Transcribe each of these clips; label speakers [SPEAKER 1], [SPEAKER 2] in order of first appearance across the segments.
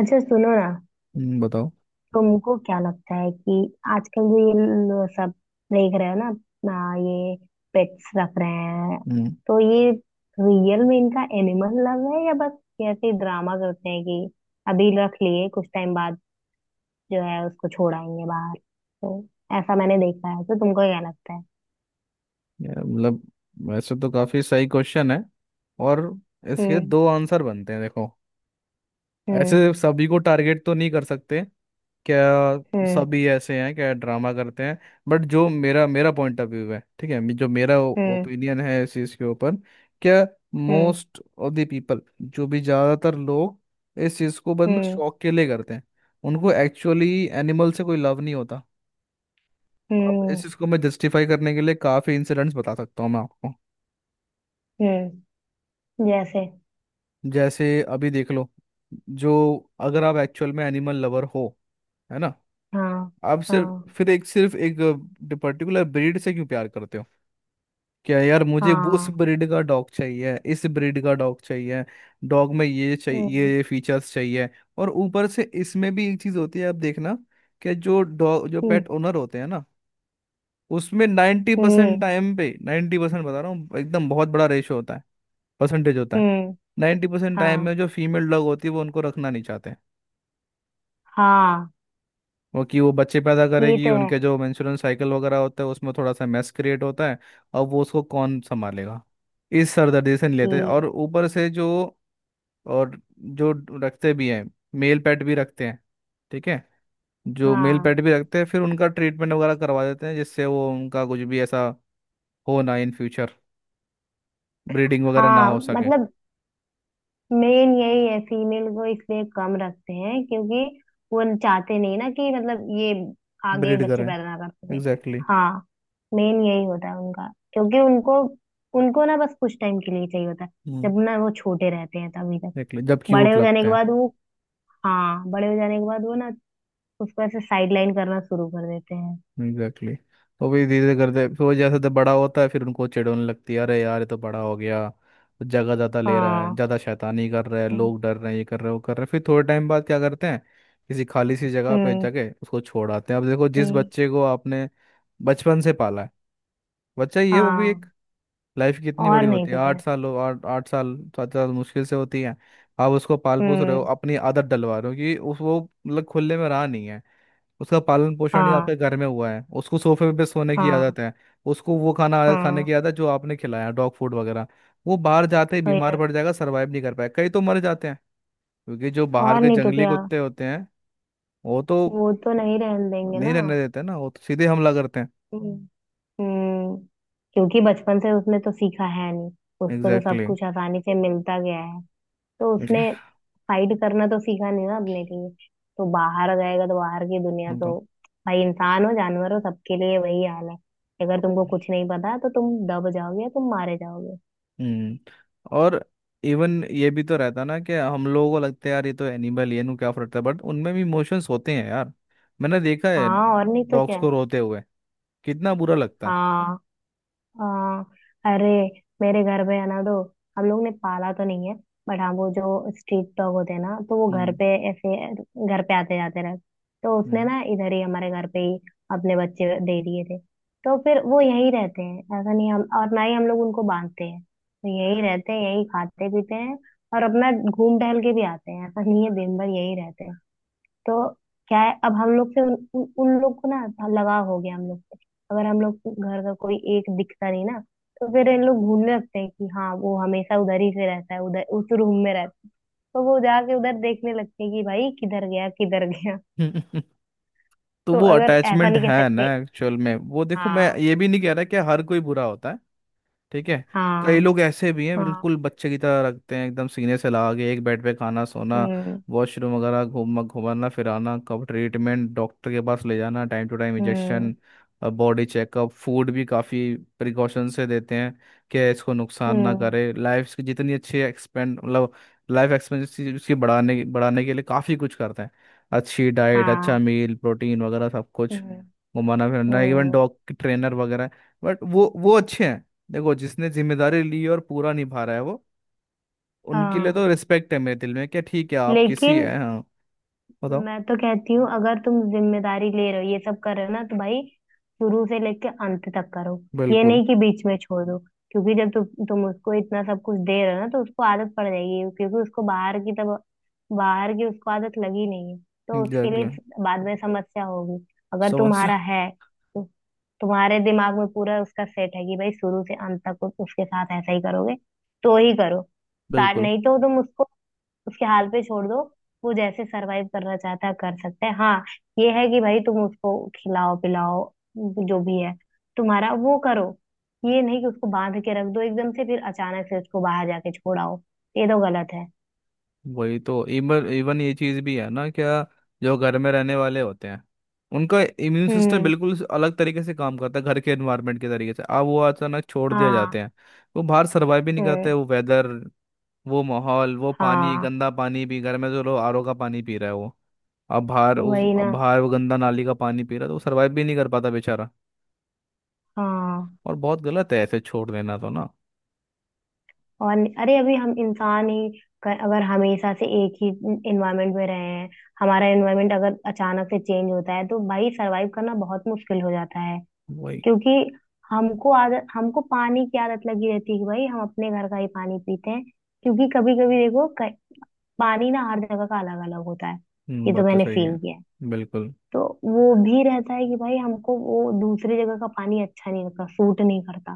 [SPEAKER 1] अच्छा, सुनो ना।
[SPEAKER 2] हम्म। बताओ।
[SPEAKER 1] तुमको क्या लगता है कि आजकल जो ये सब देख रहे हो ना, अपना ये पेट्स रख रहे हैं,
[SPEAKER 2] हम्म
[SPEAKER 1] तो ये रियल में इनका एनिमल लव है या बस ऐसे ही ड्रामा करते हैं कि अभी रख लिए, कुछ टाइम बाद जो है उसको छोड़ाएंगे बाहर? तो ऐसा मैंने देखा है। तो तुमको क्या लगता है?
[SPEAKER 2] यार, मतलब वैसे तो काफी सही क्वेश्चन है। और इसके
[SPEAKER 1] हम्म।
[SPEAKER 2] दो आंसर बनते हैं, देखो। ऐसे
[SPEAKER 1] हम्म।
[SPEAKER 2] सभी को टारगेट तो नहीं कर सकते। क्या
[SPEAKER 1] हम्म।
[SPEAKER 2] सभी ऐसे हैं? क्या ड्रामा करते हैं? बट जो मेरा मेरा पॉइंट ऑफ व्यू है, ठीक है, जो मेरा
[SPEAKER 1] हम्म।
[SPEAKER 2] ओपिनियन है इस चीज के ऊपर। क्या?
[SPEAKER 1] Hmm.
[SPEAKER 2] Most of the people, जो भी ज्यादातर लोग इस चीज को बंद
[SPEAKER 1] हम्म।
[SPEAKER 2] शौक के लिए करते हैं, उनको एक्चुअली एनिमल से कोई लव नहीं होता। अब
[SPEAKER 1] हम्म।
[SPEAKER 2] इस इसको मैं जस्टिफाई करने के लिए काफ़ी इंसिडेंट्स बता सकता हूँ, मैं आपको।
[SPEAKER 1] हम्म, जैसे?
[SPEAKER 2] जैसे अभी देख लो। जो, अगर आप एक्चुअल में एनिमल लवर हो, है ना,
[SPEAKER 1] हाँ।
[SPEAKER 2] आप सिर्फ
[SPEAKER 1] हाँ।
[SPEAKER 2] फिर एक, सिर्फ एक पर्टिकुलर ब्रीड से क्यों प्यार करते हो? क्या यार, मुझे वो उस
[SPEAKER 1] हाँ।
[SPEAKER 2] ब्रीड का डॉग चाहिए, इस ब्रीड का डॉग चाहिए, डॉग में ये चाहिए,
[SPEAKER 1] हम्म।
[SPEAKER 2] ये फीचर्स चाहिए। और ऊपर से इसमें भी एक चीज़ होती है, आप देखना, कि जो डॉग, जो पेट ओनर होते हैं ना, उसमें नाइन्टी
[SPEAKER 1] हम्म।
[SPEAKER 2] परसेंट टाइम पे, 90% बता रहा हूँ, एकदम बहुत बड़ा रेशो होता है, परसेंटेज होता है।
[SPEAKER 1] हम्म।
[SPEAKER 2] 90% टाइम
[SPEAKER 1] हाँ।
[SPEAKER 2] में जो फीमेल डॉग होती है, वो उनको रखना नहीं चाहते हैं।
[SPEAKER 1] हाँ,
[SPEAKER 2] वो कि वो बच्चे पैदा
[SPEAKER 1] ये
[SPEAKER 2] करेगी,
[SPEAKER 1] तो है
[SPEAKER 2] उनके जो मेंस्ट्रुअल साइकिल वगैरह होता है, उसमें थोड़ा सा मेस क्रिएट होता है, और वो उसको कौन संभालेगा? इस सरदर्दी से नहीं लेते,
[SPEAKER 1] कि।
[SPEAKER 2] और ऊपर से जो, और जो रखते भी हैं, मेल पेट भी रखते हैं, ठीक है, जो मेल
[SPEAKER 1] हाँ
[SPEAKER 2] पेट भी रखते हैं फिर उनका ट्रीटमेंट वगैरह करवा देते हैं, जिससे वो, उनका कुछ भी ऐसा हो ना इन फ्यूचर, ब्रीडिंग वगैरह ना
[SPEAKER 1] हाँ,
[SPEAKER 2] हो सके।
[SPEAKER 1] मतलब मेन यही है, फीमेल को इसलिए कम रखते हैं क्योंकि वो चाहते नहीं ना कि मतलब ये आगे
[SPEAKER 2] ब्रीड
[SPEAKER 1] बच्चे
[SPEAKER 2] करें।
[SPEAKER 1] पैदा ना कर सके।
[SPEAKER 2] Exactly exactly।
[SPEAKER 1] हाँ, मेन यही होता है उनका, क्योंकि उनको, उनको ना बस कुछ टाइम के लिए चाहिए होता है।
[SPEAKER 2] हम्म।
[SPEAKER 1] जब ना वो छोटे रहते हैं तभी तक।
[SPEAKER 2] एग्जैक्टली, जब
[SPEAKER 1] बड़े
[SPEAKER 2] क्यूट
[SPEAKER 1] हो जाने
[SPEAKER 2] लगते
[SPEAKER 1] के
[SPEAKER 2] हैं।
[SPEAKER 1] बाद वो, हाँ बड़े हो जाने के बाद वो ना उसको ऐसे साइड लाइन करना शुरू कर देते हैं।
[SPEAKER 2] Exactly exactly। तो वही धीरे धीरे करते, फिर वो जैसे जब बड़ा होता है फिर उनको चिढ़ होने लगती है, अरे यार, ये तो बड़ा हो गया, जगह ज़्यादा ले रहा है,
[SPEAKER 1] हाँ।
[SPEAKER 2] ज़्यादा शैतानी कर रहा है,
[SPEAKER 1] हम्म।
[SPEAKER 2] लोग डर रहे हैं, ये कर रहे हैं, वो कर रहे हैं। फिर थोड़े टाइम बाद क्या करते हैं, किसी खाली सी जगह पे
[SPEAKER 1] हम्म।
[SPEAKER 2] जाके उसको छोड़ आते हैं। अब देखो, जिस
[SPEAKER 1] हम्म,
[SPEAKER 2] बच्चे को आपने बचपन से पाला है, बच्चा, ये वो भी एक,
[SPEAKER 1] हाँ
[SPEAKER 2] लाइफ कितनी
[SPEAKER 1] और
[SPEAKER 2] बड़ी
[SPEAKER 1] नहीं
[SPEAKER 2] होती है,
[SPEAKER 1] तो क्या।
[SPEAKER 2] 8 साल हो, 8 8 साल, 7 साल मुश्किल से होती है। आप उसको पाल पोस रहे हो,
[SPEAKER 1] हम्म।
[SPEAKER 2] अपनी आदत डलवा रहे हो, कि उस वो, मतलब खुले में रहा नहीं है, उसका पालन पोषण ही
[SPEAKER 1] हाँ।
[SPEAKER 2] आपके घर में हुआ है, उसको सोफे पे सोने की
[SPEAKER 1] हाँ।
[SPEAKER 2] आदत है, उसको वो खाना आदत, खाने
[SPEAKER 1] हाँ,
[SPEAKER 2] की आदत, जो आपने खिलाया डॉग फूड वगैरह, वो बाहर जाते ही
[SPEAKER 1] वही
[SPEAKER 2] बीमार
[SPEAKER 1] ना।
[SPEAKER 2] पड़ जाएगा, सर्वाइव नहीं कर पाएगा, कई तो मर जाते हैं। क्योंकि जो बाहर
[SPEAKER 1] और
[SPEAKER 2] के
[SPEAKER 1] नहीं तो
[SPEAKER 2] जंगली
[SPEAKER 1] क्या?
[SPEAKER 2] कुत्ते होते हैं, वो तो
[SPEAKER 1] वो तो नहीं रहने देंगे
[SPEAKER 2] नहीं
[SPEAKER 1] ना।
[SPEAKER 2] रहने देते ना, वो तो सीधे हमला करते हैं।
[SPEAKER 1] हम्म। हम्म, क्योंकि बचपन से उसने तो सीखा है नहीं। उसको तो सब
[SPEAKER 2] एग्जैक्टली
[SPEAKER 1] कुछ आसानी से मिलता गया है। तो उसने
[SPEAKER 2] exactly।
[SPEAKER 1] फाइट करना तो सीखा नहीं ना अपने लिए। तो बाहर जाएगा तो बाहर की दुनिया
[SPEAKER 2] वो तो।
[SPEAKER 1] तो, भाई इंसान हो जानवर हो, सबके लिए वही हाल है। अगर तुमको कुछ नहीं पता तो तुम दब जाओगे, तुम मारे जाओगे।
[SPEAKER 2] हम्म। और इवन ये भी तो रहता ना कि हम लोगों को लगता है यार ये तो एनिमल ही है, इन्हें क्या फर्क है, बट उनमें भी इमोशंस होते हैं यार। मैंने देखा है
[SPEAKER 1] हाँ, और नहीं तो
[SPEAKER 2] डॉग्स
[SPEAKER 1] क्या।
[SPEAKER 2] को रोते हुए। कितना बुरा लगता है।
[SPEAKER 1] हाँ। हाँ। अरे, मेरे घर पे है ना, तो हम लोग ने पाला तो नहीं है। बट हाँ, वो जो स्ट्रीट डॉग होते हैं ना, तो वो घर
[SPEAKER 2] हम्म।
[SPEAKER 1] पे ऐसे घर पे आते जाते रहते। तो उसने ना इधर ही हमारे घर पे ही अपने बच्चे दे दिए थे। तो फिर वो यहीं रहते हैं, ऐसा नहीं हम, और ना ही हम लोग उनको बांधते हैं, तो यहीं रहते हैं, यहीं खाते पीते हैं और अपना घूम टहल के भी आते हैं। ऐसा नहीं है दिन भर यहीं रहते हैं। तो क्या है, अब हम लोग से उन, उन उन लोग को ना लगाव हो गया हम लोग से। अगर हम लोग घर का कोई एक दिखता नहीं ना, तो फिर इन लोग भूलने लगते हैं कि हाँ, वो हमेशा उधर ही से रहता है, उधर उस रूम में रहता है। तो वो जाके उधर देखने लगते हैं कि भाई किधर गया किधर गया।
[SPEAKER 2] हम्म। तो
[SPEAKER 1] तो
[SPEAKER 2] वो
[SPEAKER 1] अगर ऐसा
[SPEAKER 2] अटैचमेंट
[SPEAKER 1] नहीं कह
[SPEAKER 2] है
[SPEAKER 1] सकते।
[SPEAKER 2] ना एक्चुअल में, वो देखो, मैं
[SPEAKER 1] हाँ।
[SPEAKER 2] ये भी नहीं कह रहा कि हर कोई बुरा होता है, ठीक है, कई
[SPEAKER 1] हाँ।
[SPEAKER 2] लोग ऐसे भी हैं,
[SPEAKER 1] हाँ।
[SPEAKER 2] बिल्कुल बच्चे की तरह रखते हैं, एकदम सीने से लगा के, एक बेड पे, खाना, सोना,
[SPEAKER 1] हम्म।
[SPEAKER 2] वॉशरूम वगैरह, घूम घुमाना फिराना, कब ट्रीटमेंट, डॉक्टर के पास ले जाना, time to time
[SPEAKER 1] hmm.
[SPEAKER 2] Injection, body checkup, food भी काफ़ी प्रिकॉशन से देते हैं, कि इसको नुकसान ना
[SPEAKER 1] हम्म।
[SPEAKER 2] करे, लाइफ की जितनी अच्छी एक्सपेंड, मतलब लाइफ एक्सपेंसी उसकी बढ़ाने बढ़ाने के लिए काफ़ी कुछ करते हैं, अच्छी डाइट, अच्छा
[SPEAKER 1] हाँ।
[SPEAKER 2] मील प्रोटीन वगैरह सब कुछ,
[SPEAKER 1] हम्म।
[SPEAKER 2] घुमाना फिरना, इवन
[SPEAKER 1] हम्म।
[SPEAKER 2] डॉग ट्रेनर वगैरह। बट वो अच्छे हैं। देखो, जिसने जिम्मेदारी ली और पूरा निभा रहा है, वो, उनके लिए
[SPEAKER 1] हाँ,
[SPEAKER 2] तो रिस्पेक्ट है मेरे दिल में, क्या ठीक है, आप किसी
[SPEAKER 1] लेकिन
[SPEAKER 2] हैं, हाँ, बताओ।
[SPEAKER 1] मैं तो कहती हूँ, अगर तुम जिम्मेदारी ले रहे हो, ये सब कर रहे हो ना, तो भाई शुरू से लेके अंत तक करो। ये
[SPEAKER 2] बिल्कुल।
[SPEAKER 1] नहीं कि बीच में छोड़ दो। क्योंकि जब तुम उसको इतना सब कुछ दे रहे हो ना तो उसको आदत पड़ जाएगी, क्योंकि उसको बाहर की तब, बाहर की उसको आदत लगी नहीं है। तो उसके लिए
[SPEAKER 2] एग्जैक्टली।
[SPEAKER 1] बाद में समस्या होगी। अगर
[SPEAKER 2] समस्या।
[SPEAKER 1] तुम्हारा है तो, तुम्हारे दिमाग में पूरा उसका सेट है कि भाई शुरू से अंत तक उसके साथ ऐसा ही करोगे, तो ही करो। स्टार्ट
[SPEAKER 2] बिल्कुल।
[SPEAKER 1] नहीं, तो तुम उसको उसके हाल पे छोड़ दो। वो जैसे सरवाइव करना चाहता है कर सकता है। हाँ, ये है कि भाई तुम उसको खिलाओ पिलाओ, जो भी है तुम्हारा, वो करो। ये नहीं कि उसको बांध के रख दो एकदम से, फिर अचानक से उसको बाहर जाके छोड़ाओ, ये तो गलत है।
[SPEAKER 2] वही तो, इवन इवन ये चीज़ भी है ना, क्या, जो घर में रहने वाले होते हैं, उनका इम्यून सिस्टम
[SPEAKER 1] हम्म।
[SPEAKER 2] बिल्कुल अलग तरीके से काम करता है, घर के एनवायरनमेंट के तरीके से। अब वो अचानक छोड़ दिया
[SPEAKER 1] हाँ।
[SPEAKER 2] जाते हैं, वो बाहर सर्वाइव भी नहीं करते,
[SPEAKER 1] हम्म।
[SPEAKER 2] वो वेदर, वो माहौल, वो पानी,
[SPEAKER 1] हाँ,
[SPEAKER 2] गंदा पानी भी, घर में जो लोग आरओ का पानी पी रहा है वो, अब बाहर उस,
[SPEAKER 1] वही
[SPEAKER 2] अब
[SPEAKER 1] ना।
[SPEAKER 2] बाहर वो गंदा नाली का पानी पी रहा, तो वो सरवाइव भी नहीं कर पाता बेचारा।
[SPEAKER 1] हाँ,
[SPEAKER 2] और बहुत गलत है ऐसे छोड़ देना तो ना।
[SPEAKER 1] और नहीं- अरे अभी हम इंसान ही, अगर हमेशा से एक ही इन्वायरमेंट में रहे हैं, हमारा इन्वायरमेंट अगर अचानक से चेंज होता है तो भाई सरवाइव करना बहुत मुश्किल हो जाता है।
[SPEAKER 2] वही।
[SPEAKER 1] क्योंकि हमको आदत, हमको पानी की आदत लगी रहती है कि भाई हम अपने घर का ही पानी पीते हैं। क्योंकि कभी कभी देखो, पानी ना हर जगह का अलग अलग होता है। ये तो
[SPEAKER 2] बात तो
[SPEAKER 1] मैंने
[SPEAKER 2] सही है।
[SPEAKER 1] फील किया है।
[SPEAKER 2] बिल्कुल।
[SPEAKER 1] तो वो भी रहता है कि भाई हमको वो दूसरी जगह का पानी अच्छा नहीं लगता, सूट नहीं करता।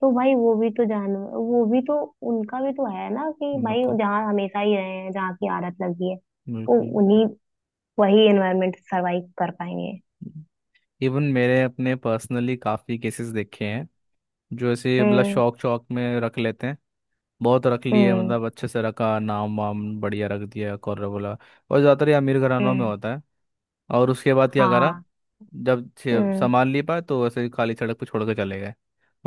[SPEAKER 1] तो भाई वो भी तो जान, वो भी तो, उनका भी तो है ना कि भाई
[SPEAKER 2] बिल्कुल।
[SPEAKER 1] जहाँ हमेशा ही रहे हैं, जहाँ की आदत लगी है, वो
[SPEAKER 2] बिल्कुल।
[SPEAKER 1] उन्हीं, वही एनवायरमेंट सरवाइव कर पाएंगे।
[SPEAKER 2] इवन मेरे अपने पर्सनली काफ़ी केसेस देखे हैं, जो ऐसे मतलब
[SPEAKER 1] हम्म।
[SPEAKER 2] शौक शौक में रख लेते हैं, बहुत रख लिए
[SPEAKER 1] हम्म।
[SPEAKER 2] मतलब, अच्छे से रखा, नाम वाम बढ़िया रख दिया, कॉर्नर बोला। और ज़्यादातर ये अमीर घरानों में
[SPEAKER 1] हम्म।
[SPEAKER 2] होता है। और उसके बाद क्या करा,
[SPEAKER 1] हाँ।
[SPEAKER 2] जब छे-
[SPEAKER 1] हम्म।
[SPEAKER 2] सामान ले पाए तो ऐसे ही खाली सड़क पर छोड़ के चले गए,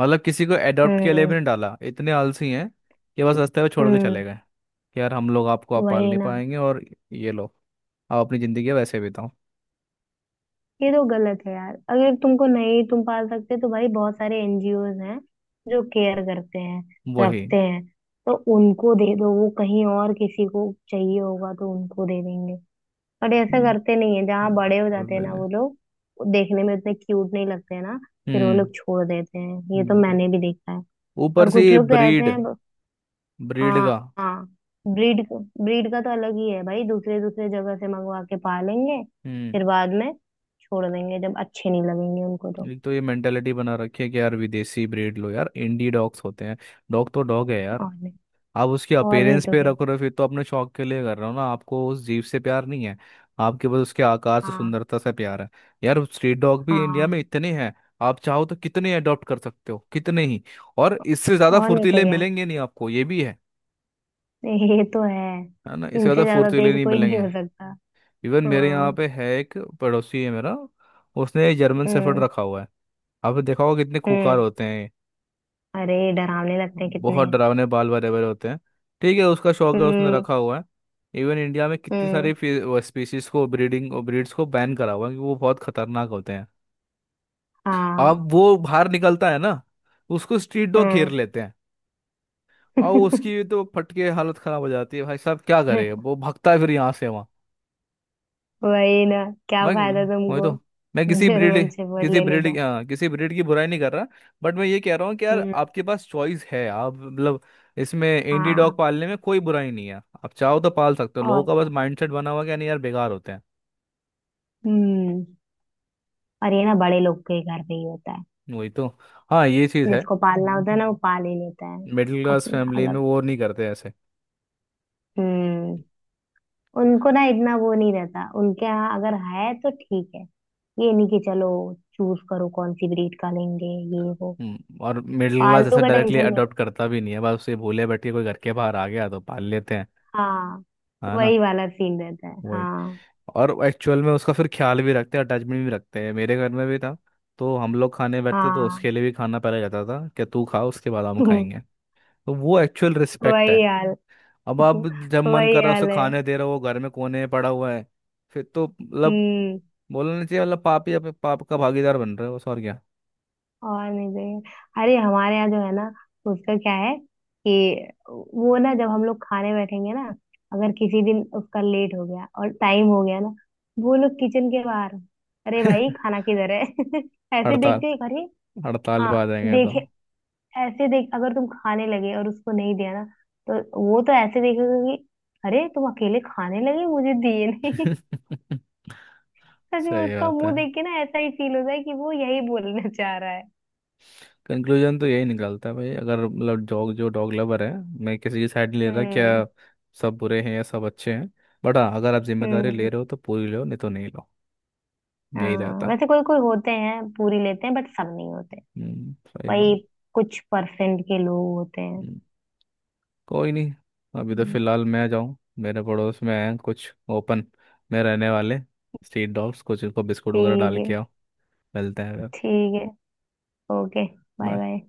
[SPEAKER 2] मतलब किसी को एडॉप्ट के लिए भी
[SPEAKER 1] हम्म।
[SPEAKER 2] नहीं डाला, इतने आलसी हैं कि बस रास्ते पे छोड़ के
[SPEAKER 1] हम्म,
[SPEAKER 2] चले गए, कि यार हम लोग आपको, आप पाल
[SPEAKER 1] वही
[SPEAKER 2] नहीं
[SPEAKER 1] ना।
[SPEAKER 2] पाएंगे, और, ये लो, आप अपनी ज़िंदगी वैसे बिताओ।
[SPEAKER 1] ये तो गलत है यार। अगर तुमको नहीं तुम पाल सकते, तो भाई बहुत सारे एनजीओज हैं जो केयर करते हैं,
[SPEAKER 2] वही।
[SPEAKER 1] रखते हैं। तो उनको दे दो, वो कहीं और किसी को चाहिए होगा तो उनको दे देंगे। बट ऐसा
[SPEAKER 2] हम्म।
[SPEAKER 1] करते नहीं है, जहाँ
[SPEAKER 2] हम्म,
[SPEAKER 1] बड़े हो जाते हैं ना
[SPEAKER 2] बिल्कुल।
[SPEAKER 1] वो लोग, वो देखने में उतने क्यूट नहीं लगते हैं ना, फिर वो
[SPEAKER 2] हम्म,
[SPEAKER 1] लोग छोड़ देते हैं। ये तो
[SPEAKER 2] बिल्कुल।
[SPEAKER 1] मैंने भी देखा है।
[SPEAKER 2] ऊपर
[SPEAKER 1] और
[SPEAKER 2] से
[SPEAKER 1] कुछ
[SPEAKER 2] ये
[SPEAKER 1] लोग तो ऐसे
[SPEAKER 2] ब्रीड,
[SPEAKER 1] हैं।
[SPEAKER 2] ब्रीड
[SPEAKER 1] हाँ
[SPEAKER 2] का।
[SPEAKER 1] हाँ, ब्रीड ब्रीड का तो अलग ही है भाई, दूसरे दूसरे जगह से मंगवा के पालेंगे,
[SPEAKER 2] हम्म।
[SPEAKER 1] फिर बाद में छोड़ देंगे जब अच्छे नहीं लगेंगे उनको तो।
[SPEAKER 2] एक तो ये मेंटेलिटी बना रखी है कि यार विदेशी ब्रीड लो, यार इंडी डॉग्स होते हैं, डॉग तो डॉग है यार।
[SPEAKER 1] और नहीं।
[SPEAKER 2] आप उसकी
[SPEAKER 1] और नहीं
[SPEAKER 2] अपेरेंस
[SPEAKER 1] तो
[SPEAKER 2] पे
[SPEAKER 1] क्या।
[SPEAKER 2] रख रहे हो फिर, तो अपने शौक के लिए कर रहे हो ना, आपको उस जीव से प्यार नहीं है, आपके पास उसके आकार से,
[SPEAKER 1] हाँ।
[SPEAKER 2] सुंदरता से प्यार है। यार स्ट्रीट डॉग भी इंडिया
[SPEAKER 1] हाँ।
[SPEAKER 2] में इतने हैं, आप चाहो तो कितने अडॉप्ट कर सकते हो, कितने ही। और इससे ज़्यादा
[SPEAKER 1] और नहीं तो
[SPEAKER 2] फुर्तीले
[SPEAKER 1] क्या।
[SPEAKER 2] मिलेंगे नहीं आपको, ये भी है
[SPEAKER 1] ये तो है।
[SPEAKER 2] है ना, इससे
[SPEAKER 1] इनसे
[SPEAKER 2] ज़्यादा
[SPEAKER 1] ज्यादा
[SPEAKER 2] फुर्तीले
[SPEAKER 1] तेज
[SPEAKER 2] नहीं
[SPEAKER 1] कोई नहीं
[SPEAKER 2] मिलेंगे।
[SPEAKER 1] हो सकता।
[SPEAKER 2] इवन मेरे यहाँ
[SPEAKER 1] हाँ।
[SPEAKER 2] पे है, एक पड़ोसी है मेरा, उसने जर्मन शेफर्ड
[SPEAKER 1] हम्म।
[SPEAKER 2] रखा हुआ है, आपने देखा होगा कितने खूंखार
[SPEAKER 1] हम्म।
[SPEAKER 2] होते हैं।
[SPEAKER 1] अरे, डरावने लगते हैं
[SPEAKER 2] बहुत
[SPEAKER 1] कितने।
[SPEAKER 2] डरावने, बाल बरे बरे होते हैं। ठीक है, उसका शौक है, उसने
[SPEAKER 1] हम्म।
[SPEAKER 2] रखा हुआ है। इवन इंडिया में कितनी सारी
[SPEAKER 1] हम्म।
[SPEAKER 2] स्पीशीज को, ब्रीडिंग ब्रीड्स को बैन करा हुआ है, क्योंकि वो बहुत खतरनाक होते हैं।
[SPEAKER 1] हाँ।
[SPEAKER 2] अब वो बाहर निकलता है ना, उसको स्ट्रीट डॉग घेर
[SPEAKER 1] हम्म।
[SPEAKER 2] लेते हैं, और उसकी भी तो फटके हालत खराब हो जाती है भाई साहब, क्या करे, वो भगता है फिर यहाँ से वहाँ।
[SPEAKER 1] वही ना, क्या
[SPEAKER 2] मैं,
[SPEAKER 1] फायदा
[SPEAKER 2] वही
[SPEAKER 1] तुमको
[SPEAKER 2] तो, मैं
[SPEAKER 1] जर्मन शेफर्ड
[SPEAKER 2] किसी
[SPEAKER 1] लेने
[SPEAKER 2] ब्रीड
[SPEAKER 1] का।
[SPEAKER 2] किसी ब्रीड की बुराई नहीं कर रहा। बट मैं ये कह रहा हूँ कि यार
[SPEAKER 1] हम्म।
[SPEAKER 2] आपके पास चॉइस है, आप मतलब इसमें इंडी डॉग
[SPEAKER 1] हाँ,
[SPEAKER 2] पालने में कोई बुराई नहीं है, आप चाहो तो पाल सकते हो, लोगों
[SPEAKER 1] और
[SPEAKER 2] का बस
[SPEAKER 1] क्या।
[SPEAKER 2] माइंडसेट बना हुआ है कि नहीं यार बेकार होते हैं।
[SPEAKER 1] हम्म, और ये ना बड़े लोग के घर पे ही होता है।
[SPEAKER 2] वही तो, हाँ ये चीज़ है,
[SPEAKER 1] जिसको पालना होता है ना वो पाल ही लेता है।
[SPEAKER 2] मिडिल क्लास
[SPEAKER 1] अपना
[SPEAKER 2] फैमिली में
[SPEAKER 1] अलग।
[SPEAKER 2] वो नहीं करते ऐसे।
[SPEAKER 1] हम्म, उनको ना इतना वो नहीं रहता उनके यहाँ, अगर है तो ठीक है। ये नहीं कि चलो चूज करो कौन सी ब्रीड का लेंगे, ये वो।
[SPEAKER 2] और मिडिल क्लास
[SPEAKER 1] पालतू
[SPEAKER 2] ऐसे
[SPEAKER 1] का
[SPEAKER 2] डायरेक्टली
[SPEAKER 1] टेंशन नहीं।
[SPEAKER 2] अडॉप्ट करता भी नहीं है, बस उसे भूले बैठे कोई घर के बाहर आ गया तो पाल लेते हैं।
[SPEAKER 1] हाँ,
[SPEAKER 2] है ना।
[SPEAKER 1] वही वाला सीन रहता है।
[SPEAKER 2] वही।
[SPEAKER 1] हाँ।
[SPEAKER 2] और एक्चुअल में उसका फिर ख्याल भी रखते हैं, अटैचमेंट भी रखते हैं, मेरे घर में भी था, तो हम लोग खाने बैठते तो
[SPEAKER 1] हाँ।
[SPEAKER 2] उसके लिए भी खाना पहले जाता था, कि तू खा, उसके बाद हम खाएंगे। तो वो एक्चुअल रिस्पेक्ट
[SPEAKER 1] वही
[SPEAKER 2] है।
[SPEAKER 1] हाल।
[SPEAKER 2] अब आप, जब मन
[SPEAKER 1] वही
[SPEAKER 2] कर रहा है उसे
[SPEAKER 1] हाल है।
[SPEAKER 2] खाने दे रहे हो, वो घर में कोने में पड़ा हुआ है, फिर तो मतलब,
[SPEAKER 1] हम्म,
[SPEAKER 2] बोलना नहीं चाहिए मतलब, पाप ही, अपने पाप का भागीदार बन रहे हो बस, और क्या।
[SPEAKER 1] और नहीं चाहिए। अरे हमारे यहाँ जो है ना, उसका क्या है कि वो ना, जब हम लोग खाने बैठेंगे ना, अगर किसी दिन उसका लेट हो गया और टाइम हो गया ना, वो लोग किचन के बाहर, अरे भाई खाना किधर है, ऐसे
[SPEAKER 2] हड़ताल,
[SPEAKER 1] देखते ही। अरे
[SPEAKER 2] हड़ताल
[SPEAKER 1] हाँ,
[SPEAKER 2] पे आ जाएंगे तो।
[SPEAKER 1] देखे। ऐसे देख, अगर तुम खाने लगे और उसको नहीं दिया ना, तो वो तो ऐसे देखेगा कि अरे तुम अकेले खाने लगे, मुझे दिए नहीं। सच में
[SPEAKER 2] सही
[SPEAKER 1] उसका
[SPEAKER 2] बात है।
[SPEAKER 1] मुंह देख के ना ऐसा ही फील होता है कि वो यही बोलना चाह रहा है।
[SPEAKER 2] कंक्लूजन तो यही निकलता है भाई, अगर मतलब डॉग, जो डॉग लवर है, मैं किसी की साइड नहीं ले रहा,
[SPEAKER 1] हम्म।
[SPEAKER 2] क्या सब बुरे हैं या सब अच्छे हैं, बट हाँ अगर आप जिम्मेदारी ले
[SPEAKER 1] हम्म।
[SPEAKER 2] रहे हो तो पूरी लो, नहीं तो नहीं लो। यही
[SPEAKER 1] हाँ,
[SPEAKER 2] रहता
[SPEAKER 1] वैसे
[SPEAKER 2] है।
[SPEAKER 1] कोई कोई होते हैं पूरी लेते हैं, बट सब नहीं होते।
[SPEAKER 2] सही
[SPEAKER 1] वही,
[SPEAKER 2] बात।
[SPEAKER 1] कुछ परसेंट के लोग होते हैं।
[SPEAKER 2] हम्म, कोई नहीं। अभी तो
[SPEAKER 1] हम्म।
[SPEAKER 2] फिलहाल मैं जाऊँ, मेरे पड़ोस में हैं कुछ ओपन में रहने वाले स्ट्रीट डॉग्स, कुछ इनको बिस्कुट वगैरह
[SPEAKER 1] ठीक
[SPEAKER 2] डाल
[SPEAKER 1] है।
[SPEAKER 2] के आओ। मिलते हैं फिर।
[SPEAKER 1] ठीक है। ओके। Bye
[SPEAKER 2] Bye।
[SPEAKER 1] बाय।